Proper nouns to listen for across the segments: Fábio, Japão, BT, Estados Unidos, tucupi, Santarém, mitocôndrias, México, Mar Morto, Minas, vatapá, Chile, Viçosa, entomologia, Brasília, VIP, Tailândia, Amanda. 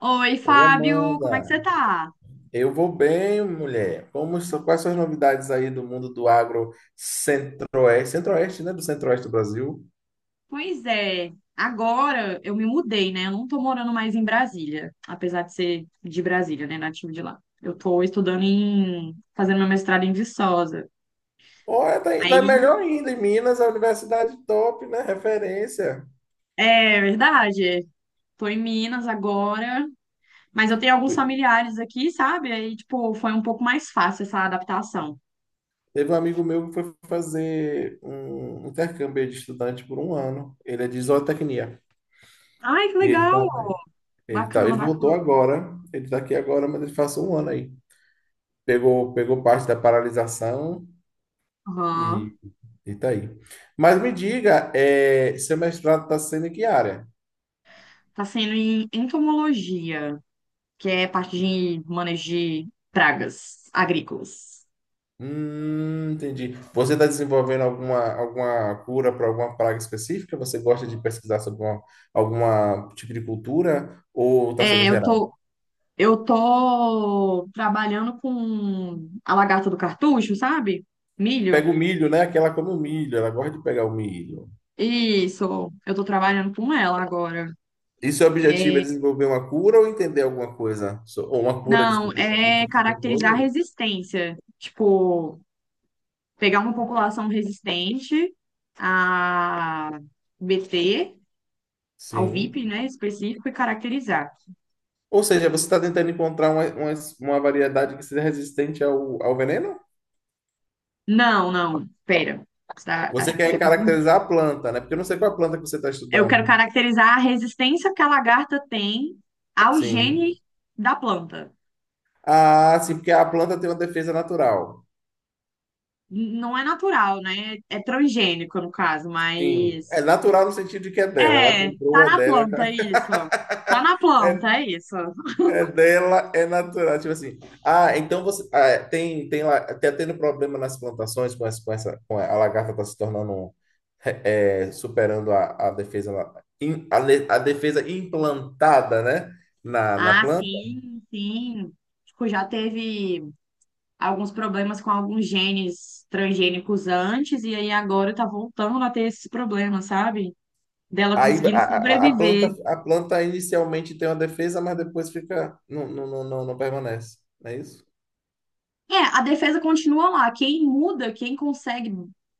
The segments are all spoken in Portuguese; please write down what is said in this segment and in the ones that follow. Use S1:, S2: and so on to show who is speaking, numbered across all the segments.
S1: Oi,
S2: Oi,
S1: Fábio, como é que você
S2: Amanda.
S1: tá?
S2: Eu vou bem, mulher. Quais são as novidades aí do mundo do agro centro-oeste? Centro-oeste, né? Do centro-oeste do Brasil.
S1: Pois é, agora eu me mudei, né? Eu não tô morando mais em Brasília, apesar de ser de Brasília, né? Nativo de lá. Eu tô fazendo meu mestrado em Viçosa.
S2: Olha, tá, tá
S1: Aí,
S2: melhor ainda. Em Minas, a universidade top, né? Referência.
S1: é verdade, tô em Minas agora, mas eu tenho alguns familiares aqui, sabe? Aí, tipo, foi um pouco mais fácil essa adaptação.
S2: Teve um amigo meu que foi fazer um intercâmbio de estudante por um ano. Ele é de zootecnia.
S1: Ai, que
S2: E
S1: legal! Bacana,
S2: ele voltou
S1: bacana.
S2: agora. Ele tá aqui agora, mas ele passou um ano aí. Pegou parte da paralisação
S1: Aham.
S2: Itaí. Mas me diga, seu mestrado está sendo em que área?
S1: Tá sendo em entomologia, que é parte de manejo de pragas agrícolas.
S2: Entendi. Você está desenvolvendo alguma cura para alguma praga específica? Você gosta de pesquisar sobre alguma tipo de cultura ou está sendo
S1: É, eu
S2: geral?
S1: tô, eu tô trabalhando com a lagarta do cartucho, sabe?
S2: Pega
S1: Milho.
S2: o milho, né? Aquela come o milho, ela gosta de pegar o milho.
S1: Isso, eu tô trabalhando com ela agora.
S2: E seu objetivo é
S1: É,
S2: desenvolver uma cura ou entender alguma coisa? Ou uma cura,
S1: não,
S2: desculpa, algum
S1: é
S2: tipo de
S1: caracterizar a
S2: controle?
S1: resistência. Tipo, pegar uma população resistente a BT, ao VIP,
S2: Sim.
S1: né, específico e caracterizar.
S2: Ou seja, você está tentando encontrar uma variedade que seja resistente ao veneno?
S1: Não, não, pera. Você tá-
S2: Você
S1: acho que
S2: quer
S1: você confundiu.
S2: caracterizar a planta, né? Porque eu não sei qual é a planta que você está
S1: Eu quero
S2: estudando.
S1: caracterizar a resistência que a lagarta tem ao gene
S2: Sim.
S1: da planta.
S2: Ah, sim, porque a planta tem uma defesa natural.
S1: Não é natural, né? É transgênico, no caso,
S2: Sim. É
S1: mas.
S2: natural no sentido de que é dela. Ela
S1: É,
S2: comprou,
S1: tá
S2: é
S1: na
S2: dela, é
S1: planta, é
S2: ca-
S1: isso. Tá na planta, é isso.
S2: é dela, é natural. Tipo assim. Ah, então você. Ah, tem, tem lá. Tá tendo problema nas plantações com essa, com essa. Com a lagarta está se tornando. É, superando a defesa. Na- in- A, le- a defesa implantada, né? Na
S1: Ah,
S2: planta.
S1: sim, sim. Tipo, já teve alguns problemas com alguns genes transgênicos antes, e aí agora tá voltando a ter esses problemas, sabe? Dela
S2: Aí a,
S1: conseguindo
S2: a planta,
S1: sobreviver.
S2: a planta inicialmente tem uma defesa, mas depois fica, não, não, não, não, não permanece, não é isso?
S1: É, a defesa continua lá. Quem muda, quem consegue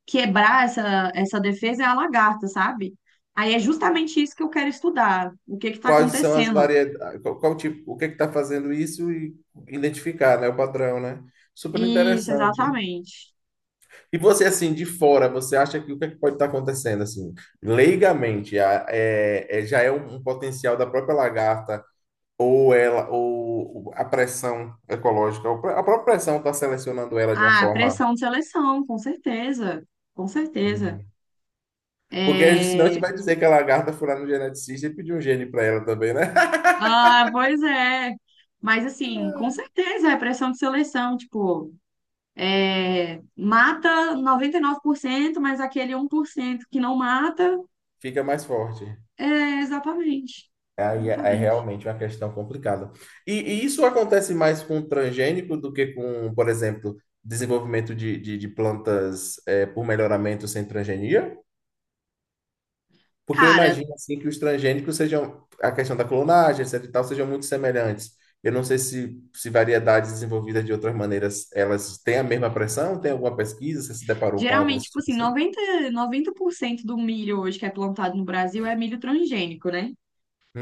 S1: quebrar essa defesa é a lagarta, sabe? Aí é justamente isso que eu quero estudar. O que que tá
S2: Quais são as
S1: acontecendo?
S2: variedades, qual tipo, o que está fazendo isso e identificar, né, o padrão, né? Super
S1: Isso,
S2: interessante.
S1: exatamente.
S2: E você, assim, de fora, você acha que o que, é que pode estar acontecendo, assim, leigamente, a- é, é- já é um potencial da própria lagarta ou ela, ou a pressão ecológica, ou a própria pressão está selecionando ela de uma
S1: Ah,
S2: forma...
S1: pressão de seleção, com certeza. Com certeza.
S2: hum, porque a gente- senão a gente
S1: É...
S2: vai dizer que a lagarta foi lá no geneticista e pediu um gene para ela também, né?
S1: Ah, pois é. Mas assim, com certeza é pressão de seleção, tipo, mata 99%, mas aquele 1% que não mata.
S2: Fica mais forte.
S1: É, exatamente.
S2: Aí é, é
S1: Exatamente.
S2: realmente uma questão complicada. E isso acontece mais com transgênico do que com, por exemplo, desenvolvimento de plantas por melhoramento sem transgenia? Porque eu
S1: Cara,
S2: imagino assim que os transgênicos sejam, a questão da clonagem, etc e tal, sejam muito semelhantes. Eu não sei se variedades desenvolvidas de outras maneiras, elas têm a mesma pressão? Tem alguma pesquisa? Você se deparou com algo
S1: geralmente,
S2: desse
S1: tipo
S2: tipo
S1: assim,
S2: assim?
S1: noventa por cento do milho hoje que é plantado no Brasil é milho transgênico, né?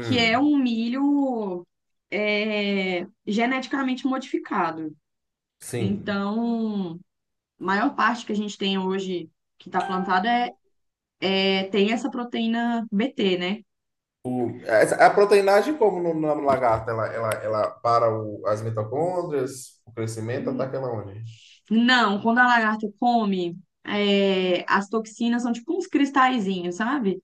S1: Que é um milho geneticamente modificado.
S2: Sim.
S1: Então, a maior parte que a gente tem hoje que está plantada tem essa proteína BT, né?
S2: O- Essa- A proteinagem, como no, na lagarta, ela para o- as mitocôndrias, o crescimento, ataca ela onde?
S1: Não, quando a lagarta come, as toxinas são tipo uns cristalzinhos, sabe?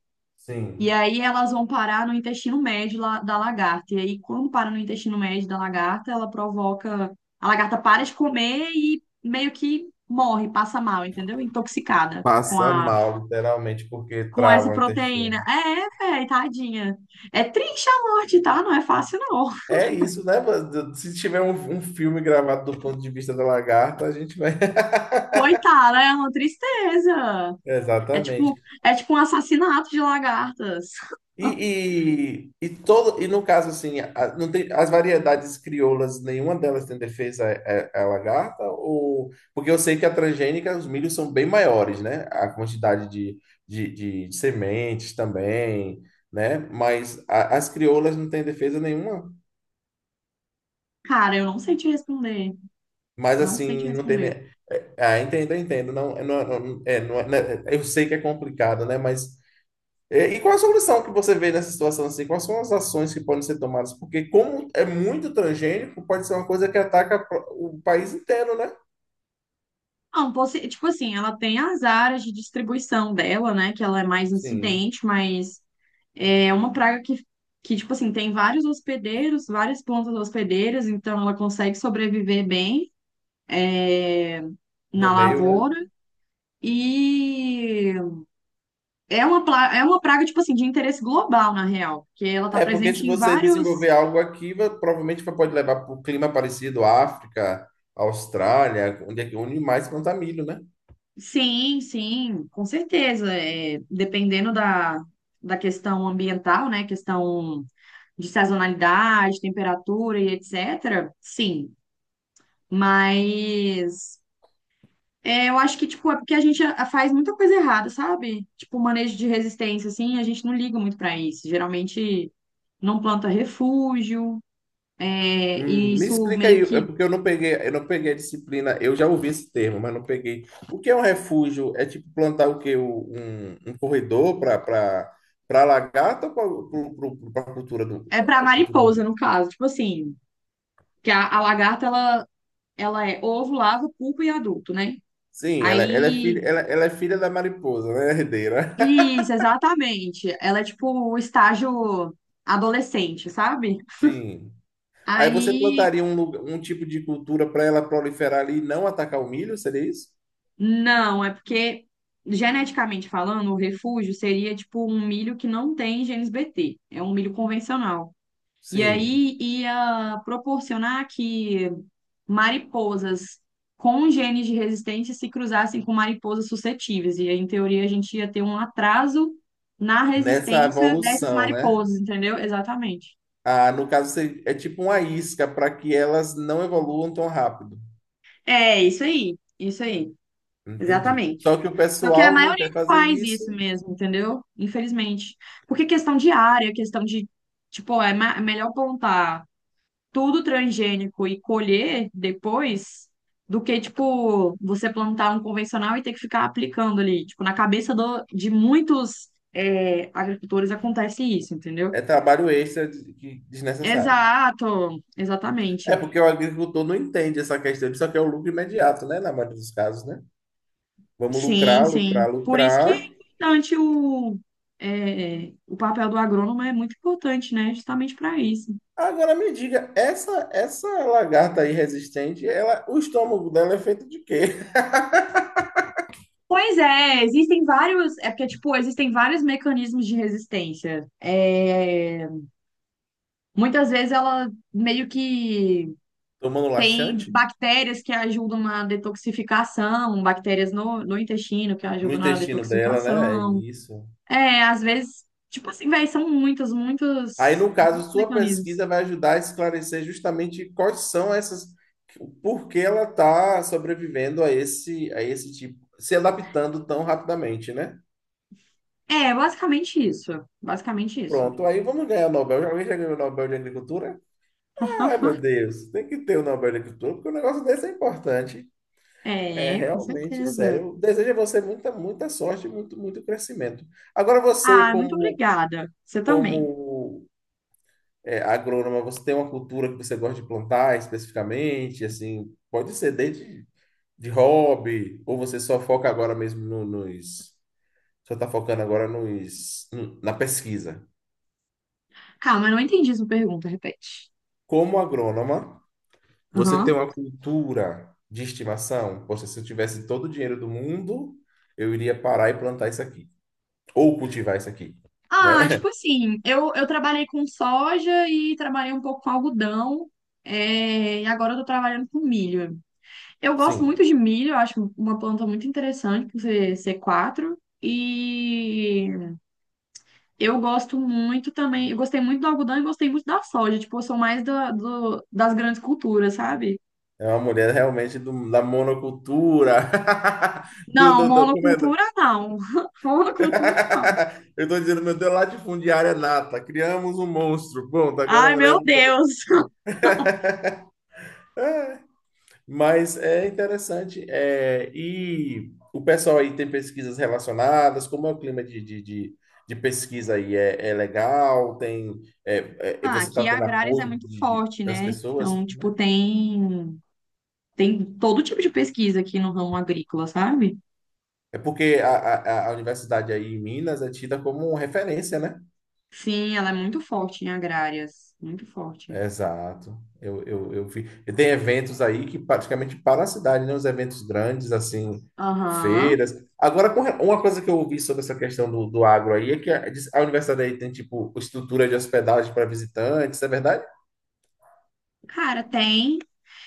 S1: E
S2: Sim.
S1: aí elas vão parar no intestino médio da lagarta. E aí, quando para no intestino médio da lagarta, ela provoca. A lagarta para de comer e meio que morre, passa mal, entendeu? Intoxicada com
S2: Passa
S1: a.
S2: mal, literalmente, porque
S1: Com essa
S2: trava o intestino.
S1: proteína. É, velho, tadinha. É triste a morte, tá? Não é fácil, não.
S2: É isso, né, mano? Se tiver um filme gravado do ponto de vista da lagarta, a gente vai.
S1: Coitada, é uma tristeza. É tipo,
S2: Exatamente.
S1: é tipo um assassinato de lagartas.
S2: E, todo, e no caso, assim, a- não tem, as variedades crioulas, nenhuma delas tem defesa à- lagarta? Ou, porque eu sei que a transgênica, os milhos são bem maiores, né? A quantidade de sementes também, né? Mas a- as crioulas não têm defesa nenhuma.
S1: Cara, eu não sei te responder.
S2: Mas,
S1: Não sei te
S2: assim, não tem...
S1: responder.
S2: ne- Ah, entendo, entendo. É, não, é- né? Eu sei que é complicado, né? Mas é, e qual a solução que você vê nessa situação assim? Quais são as ações que podem ser tomadas? Porque como é muito transgênico, pode ser uma coisa que ataca pro- o país inteiro, né?
S1: Não, tipo assim, ela tem as áreas de distribuição dela, né? Que ela é mais
S2: Sim,
S1: incidente, mas é uma praga que, tipo assim, tem vários hospedeiros, várias plantas hospedeiras, então ela consegue sobreviver bem, é,
S2: no
S1: na
S2: meio, né?
S1: lavoura. E é uma praga, tipo assim, de interesse global, na real, porque ela tá
S2: É, porque se
S1: presente em
S2: você
S1: vários.
S2: desenvolver algo aqui, vai- provavelmente vai- pode levar para o clima parecido, África, Austrália, onde, é que- onde mais planta milho, né?
S1: Sim, sim, com certeza. É, dependendo da questão ambiental, né? Questão de sazonalidade, temperatura e etc. Sim, mas eu acho que tipo é porque a gente faz muita coisa errada, sabe? Tipo manejo de resistência assim, a gente não liga muito para isso. Geralmente não planta refúgio, e
S2: Me
S1: isso
S2: explica aí,
S1: meio
S2: é
S1: que
S2: porque eu não peguei a disciplina, eu já ouvi esse termo, mas não peguei. O que é um refúgio? É tipo plantar o quê? O- um corredor para para a lagarta ou para
S1: é para
S2: a cultura
S1: mariposa
S2: do-
S1: no caso, tipo assim, que a lagarta ela é ovo, larva, pupa e adulto, né?
S2: Sim, ela é filha,
S1: Aí
S2: ela é filha da mariposa, né, herdeira?
S1: isso, exatamente. Ela é tipo o estágio adolescente, sabe?
S2: Sim. Aí você
S1: Aí,
S2: plantaria um, lugar- um tipo de cultura para ela proliferar ali e não atacar o milho, seria isso?
S1: não, é porque, geneticamente falando, o refúgio seria tipo um milho que não tem genes BT, é um milho convencional. E
S2: Sim.
S1: aí ia proporcionar que mariposas com genes de resistência se cruzassem com mariposas suscetíveis. E aí, em teoria, a gente ia ter um atraso na
S2: Nessa
S1: resistência dessas
S2: evolução, né?
S1: mariposas, entendeu? Exatamente.
S2: Ah, no caso, se- é tipo uma isca para que elas não evoluam tão rápido.
S1: É, isso aí, isso aí.
S2: Entendi.
S1: Exatamente.
S2: Só que o
S1: Só que a
S2: pessoal não
S1: maioria
S2: quer
S1: não
S2: fazer
S1: faz
S2: isso,
S1: isso mesmo, entendeu? Infelizmente. Porque questão de área, questão de, tipo, é melhor plantar tudo transgênico e colher depois do que, tipo, você plantar um convencional e ter que ficar aplicando ali. Tipo, na cabeça de muitos, agricultores acontece isso, entendeu?
S2: é trabalho extra de- que- desnecessário.
S1: Exato,
S2: É
S1: exatamente.
S2: porque o agricultor não entende essa questão, ele só quer o lucro imediato, né? Na maioria dos casos, né? Vamos
S1: Sim,
S2: lucrar,
S1: sim.
S2: lucrar,
S1: Por isso que
S2: lucrar.
S1: é importante o papel do agrônomo é muito importante, né? Justamente para isso.
S2: Agora me diga, essa lagarta aí resistente, ela, o estômago dela é feito de quê?
S1: Pois é, existem vários, é porque, tipo, existem vários mecanismos de resistência. É, muitas vezes ela meio que
S2: Tomando
S1: tem
S2: laxante?
S1: bactérias que ajudam na detoxificação, bactérias no intestino que
S2: No
S1: ajudam na
S2: intestino dela, né? É
S1: detoxificação.
S2: isso.
S1: É, às vezes, tipo assim, véi, são muitos,
S2: Aí,
S1: muitos,
S2: no
S1: muitos
S2: caso, sua
S1: mecanismos.
S2: pesquisa vai ajudar a esclarecer justamente quais são essas, por que ela está sobrevivendo a esse tipo, se adaptando tão rapidamente, né?
S1: É, basicamente isso. Basicamente isso.
S2: Pronto, aí vamos ganhar o Nobel. Alguém já ganhou o Nobel de Agricultura? Ah, meu Deus, tem que ter o Nobel de Agricultura, porque o negócio desse é importante. É
S1: É, com
S2: realmente
S1: certeza.
S2: sério. Desejo a você muita, muita sorte e muito, muito crescimento. Agora, você,
S1: Ah, muito
S2: como,
S1: obrigada. Você também.
S2: como é, agrônoma, você tem uma cultura que você gosta de plantar especificamente, assim, pode ser desde de hobby, ou você só foca agora mesmo no- nos, só está focando agora nos, na pesquisa.
S1: Calma, eu não entendi sua pergunta, repete.
S2: Como agrônoma, você tem
S1: Aham.
S2: uma cultura de estimação? Poxa, se eu tivesse todo o dinheiro do mundo, eu iria parar e plantar isso aqui, ou cultivar isso aqui,
S1: Ah,
S2: né?
S1: tipo assim, eu trabalhei com soja e trabalhei um pouco com algodão, e agora eu tô trabalhando com milho. Eu gosto
S2: Sim.
S1: muito de milho, eu acho uma planta muito interessante, por ser C4 e Eu gosto muito também, eu gostei muito do algodão e gostei muito da soja. Tipo, eu sou mais das grandes culturas, sabe?
S2: É uma mulher realmente do- da monocultura,
S1: Não,
S2: como é?
S1: monocultura não. Monocultura não.
S2: Eu tô dizendo, meu Deus, latifundiária nata, criamos um monstro. Bom, agora a
S1: Ai,
S2: mulher.
S1: meu Deus.
S2: É, mas é interessante. É, e o pessoal aí tem pesquisas relacionadas, como é o clima de pesquisa aí? É, é legal? Tem, é, é, é,
S1: Ah,
S2: você está
S1: aqui
S2: tendo
S1: agrárias é
S2: apoio
S1: muito
S2: de-
S1: forte,
S2: das
S1: né?
S2: pessoas,
S1: Então, tipo,
S2: né?
S1: tem todo tipo de pesquisa aqui no ramo agrícola, sabe?
S2: É porque a universidade aí em Minas é tida como referência, né?
S1: Sim, ela é muito forte em agrárias. Muito forte.
S2: Exato. Eu vi. E tem eventos aí que praticamente para a cidade, né? Os eventos grandes, assim,
S1: Aham.
S2: feiras. Agora, com re- uma coisa que eu ouvi sobre essa questão do agro aí é que a, diz- a universidade aí tem, tipo, estrutura de hospedagem para visitantes, é verdade?
S1: Cara, tem.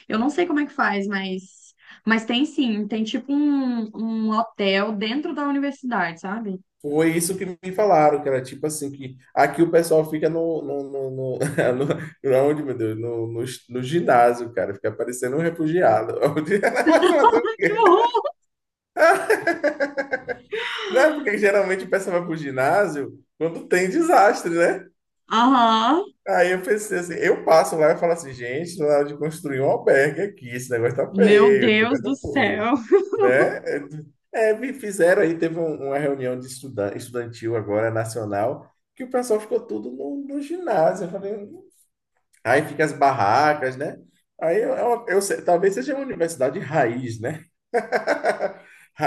S1: Eu não sei como é que faz, mas tem sim, tem tipo um hotel dentro da universidade, sabe?
S2: Foi isso que me falaram, que era tipo assim, que aqui o pessoal fica no- no- aonde, meu Deus, no ginásio, cara, fica parecendo um refugiado. Mas,
S1: Que horror!
S2: não é porque geralmente o pessoal vai pro ginásio quando tem desastre, né?
S1: Aham,
S2: Aí eu pensei assim, eu passo lá e falo assim, gente, na hora de construir um albergue aqui, esse negócio tá
S1: meu
S2: feio, esse
S1: Deus
S2: negócio
S1: do
S2: tá feio,
S1: céu.
S2: né? É, me fizeram aí, teve um- uma reunião de estudan- estudantil agora, nacional, que o pessoal ficou tudo no ginásio, eu falei, aí fica as barracas, né? Eu sei- talvez seja uma universidade raiz, né?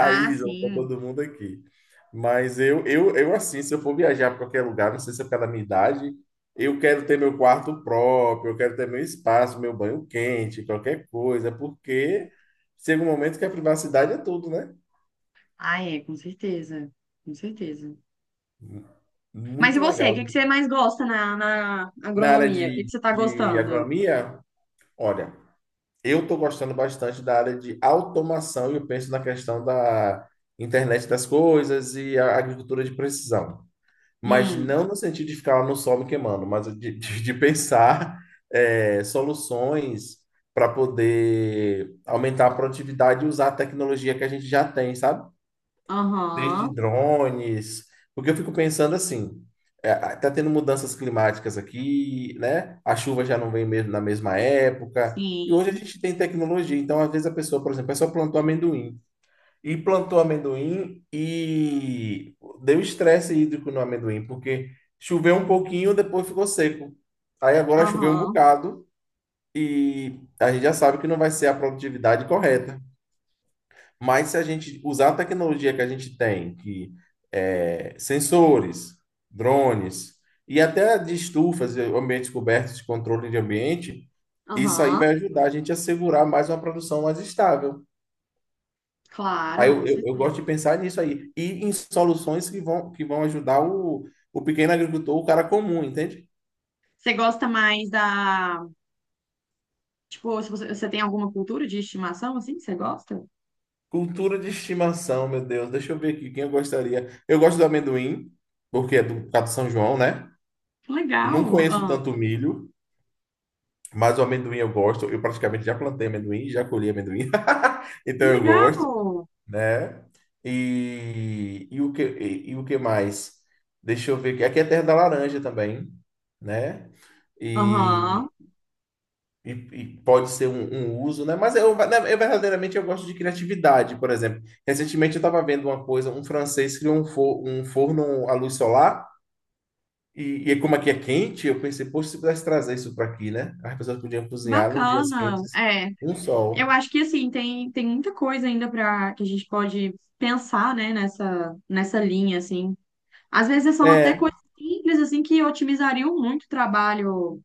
S1: Ah,
S2: ó, pra
S1: sim.
S2: todo mundo aqui. Mas eu assim, se eu for viajar para qualquer lugar, não sei se é pela minha idade, eu quero ter meu quarto próprio, eu quero ter meu espaço, meu banho quente, qualquer coisa, porque chega um momento que a privacidade é tudo, né?
S1: Ah, é, com certeza. Com certeza. Mas e
S2: Muito
S1: você? O
S2: legal.
S1: que que você mais gosta na
S2: Na área
S1: agronomia? O que que você tá
S2: de
S1: gostando?
S2: agronomia, olha, eu estou gostando bastante da área de automação e eu penso na questão da internet das coisas e a agricultura de precisão. Mas
S1: Hum,
S2: não no sentido de ficar lá no sol me queimando, mas de pensar é, soluções para poder aumentar a produtividade e usar a tecnologia que a gente já tem, sabe? Desde
S1: aham,
S2: drones, porque eu fico pensando assim, é, tá tendo mudanças climáticas aqui, né? A chuva já não vem mesmo na mesma época, e hoje a
S1: sim.
S2: gente tem tecnologia, então às vezes a pessoa, por exemplo, a pessoa plantou amendoim e deu estresse hídrico no amendoim, porque choveu um pouquinho, depois ficou seco. Aí agora choveu um
S1: Aham,
S2: bocado e a gente já sabe que não vai ser a produtividade correta. Mas se a gente usar a tecnologia que a gente tem, que sensores, drones e até de estufas, e ambientes cobertos de controle de ambiente, isso aí vai
S1: aham.
S2: ajudar a gente a segurar mais uma produção mais estável.
S1: Claro, com
S2: Eu gosto
S1: certeza.
S2: de pensar nisso aí. E em soluções que vão ajudar o pequeno agricultor, o cara comum, entende?
S1: Você gosta mais da. Tipo, se você tem alguma cultura de estimação assim que você gosta?
S2: Cultura de estimação, meu Deus. Deixa eu ver aqui quem eu gostaria. Eu gosto do amendoim, porque é do, por causa do São João, né?
S1: Que
S2: Não
S1: legal.
S2: conheço
S1: Ah,
S2: tanto milho, mas o amendoim eu gosto. Eu praticamente já plantei amendoim, já colhi amendoim.
S1: que
S2: Então eu gosto,
S1: legal.
S2: né? E o que mais? Deixa eu ver aqui. Aqui é terra da laranja também, né?
S1: Aham.
S2: E e e pode ser um uso, né? Mas eu, né, eu verdadeiramente eu gosto de criatividade, por exemplo. Recentemente eu estava vendo uma coisa, um francês criou um, for, um forno à luz solar, e como aqui é quente, eu pensei, poxa, se pudesse trazer isso para aqui, né? As pessoas podiam cozinhar nos dias
S1: Bacana.
S2: quentes,
S1: É,
S2: um
S1: eu
S2: sol.
S1: acho que assim tem muita coisa ainda para que a gente pode pensar, né, nessa linha assim. Às vezes são até
S2: É
S1: coisas simples assim que otimizariam muito o trabalho,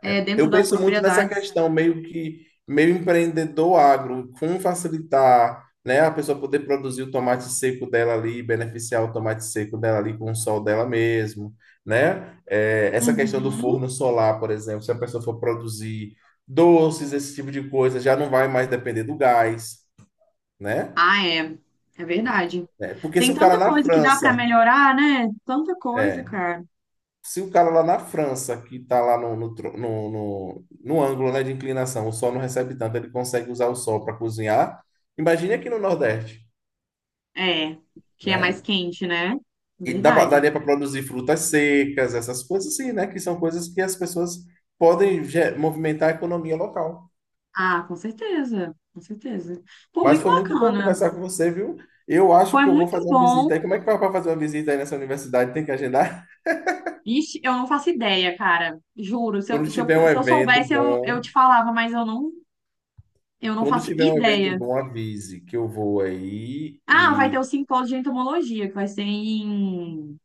S1: dentro
S2: eu
S1: das
S2: penso muito nessa
S1: propriedades.
S2: questão meio que meio empreendedor agro, como facilitar, né, a pessoa poder produzir o tomate seco dela ali, beneficiar o tomate seco dela ali com o sol dela mesmo, né? É, essa questão do
S1: Uhum.
S2: forno solar, por exemplo, se a pessoa for produzir doces, esse tipo de coisa, já não vai mais depender do gás, né?
S1: Ah, é. É verdade.
S2: É, porque se
S1: Tem
S2: o cara
S1: tanta
S2: na
S1: coisa que dá para
S2: França
S1: melhorar, né? Tanta coisa,
S2: é,
S1: cara.
S2: se o cara lá na França, que está lá no ângulo, né, de inclinação, o sol não recebe tanto, ele consegue usar o sol para cozinhar, imagine aqui no Nordeste,
S1: É, que é mais
S2: né?
S1: quente, né?
S2: E dá pra-
S1: Verdade.
S2: daria para produzir frutas secas, essas coisas assim, né? Que são coisas que as pessoas podem ge- movimentar a economia local.
S1: Ah, com certeza, com certeza. Pô,
S2: Mas
S1: muito
S2: foi muito bom
S1: bacana.
S2: conversar com você, viu? Eu acho
S1: Foi
S2: que eu vou
S1: muito
S2: fazer uma
S1: bom.
S2: visita aí. Como é que vai para fazer uma visita aí nessa universidade? Tem que agendar?
S1: Ixi, eu não faço ideia, cara. Juro. Se eu,
S2: Quando
S1: se eu,
S2: tiver um
S1: se eu
S2: evento
S1: soubesse, eu te
S2: bom,
S1: falava, mas eu não
S2: quando
S1: faço
S2: tiver um evento
S1: ideia.
S2: bom, avise que eu vou aí.
S1: Ah, vai ter o simpósio de entomologia, que vai ser em,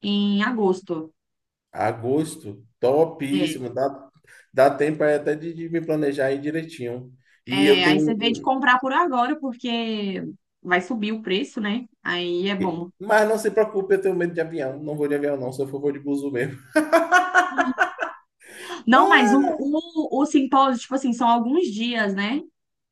S1: em agosto.
S2: Agosto,
S1: É,
S2: topíssimo. Dá, dá tempo aí até de me planejar aí direitinho. E eu
S1: é,
S2: tenho.
S1: aí
S2: Um-
S1: você vê de
S2: um-
S1: comprar por agora, porque vai subir o preço, né? Aí é bom.
S2: mas não se preocupe, eu tenho medo de avião. Não vou de avião, não. Se eu for, vou de buzu mesmo.
S1: Não, mas o,
S2: Ah,
S1: o, o simpósio, tipo assim, são alguns dias, né?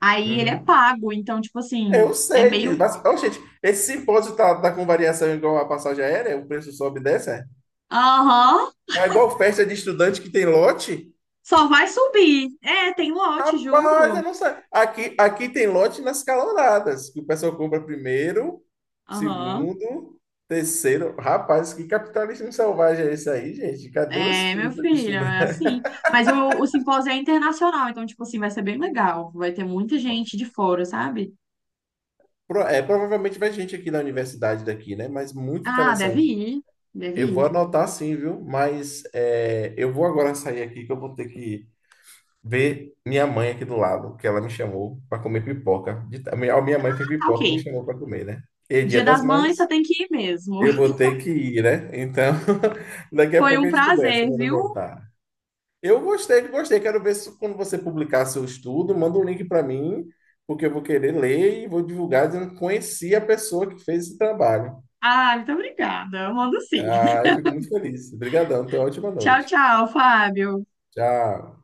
S1: Aí ele é
S2: uhum.
S1: pago, então, tipo
S2: Eu
S1: assim, é
S2: sei disso.
S1: meio.
S2: Mas, ô, gente, esse simpósio tá, tá com variação igual a passagem aérea? O preço sobe e desce? É
S1: Aham,
S2: é igual festa de estudante que tem lote?
S1: só vai subir. É, tem lote,
S2: Rapaz, eu
S1: juro.
S2: não sei. Aqui tem lote nas caloradas, que o pessoal compra primeiro,
S1: Aham.
S2: segundo, terceiro. Rapaz, que capitalismo selvagem é esse aí, gente? Cadê o
S1: É, meu
S2: espírito de
S1: filho, é
S2: estudar?
S1: assim. Mas o simpósio é internacional, então, tipo assim, vai ser bem legal. Vai ter muita gente de fora, sabe?
S2: Pro- é, provavelmente vai gente aqui na universidade daqui, né? Mas muito
S1: Ah, deve
S2: interessante.
S1: ir. Deve
S2: Eu vou
S1: ir.
S2: anotar sim, viu? Eu vou agora sair aqui que eu vou ter que ver minha mãe aqui do lado, que ela me chamou para comer pipoca. De- a minha mãe fez
S1: Tá
S2: pipoca e me
S1: ok.
S2: chamou para comer, né? E é dia
S1: Dia
S2: das
S1: das Mães, você
S2: mães.
S1: tem que ir mesmo.
S2: Eu vou ter que ir, né? Então, daqui a
S1: Foi
S2: pouco
S1: um
S2: a gente conversa
S1: prazer,
S2: quando eu
S1: viu?
S2: voltar. Eu gostei, gostei. Quero ver se quando você publicar seu estudo, manda um link para mim, porque eu vou querer ler e vou divulgar dizendo que conheci a pessoa que fez esse trabalho.
S1: Ah, muito obrigada. Eu mando sim.
S2: Ah, eu fico muito feliz. Obrigadão, tenha uma ótima
S1: Tchau,
S2: noite.
S1: tchau, Fábio.
S2: Tchau.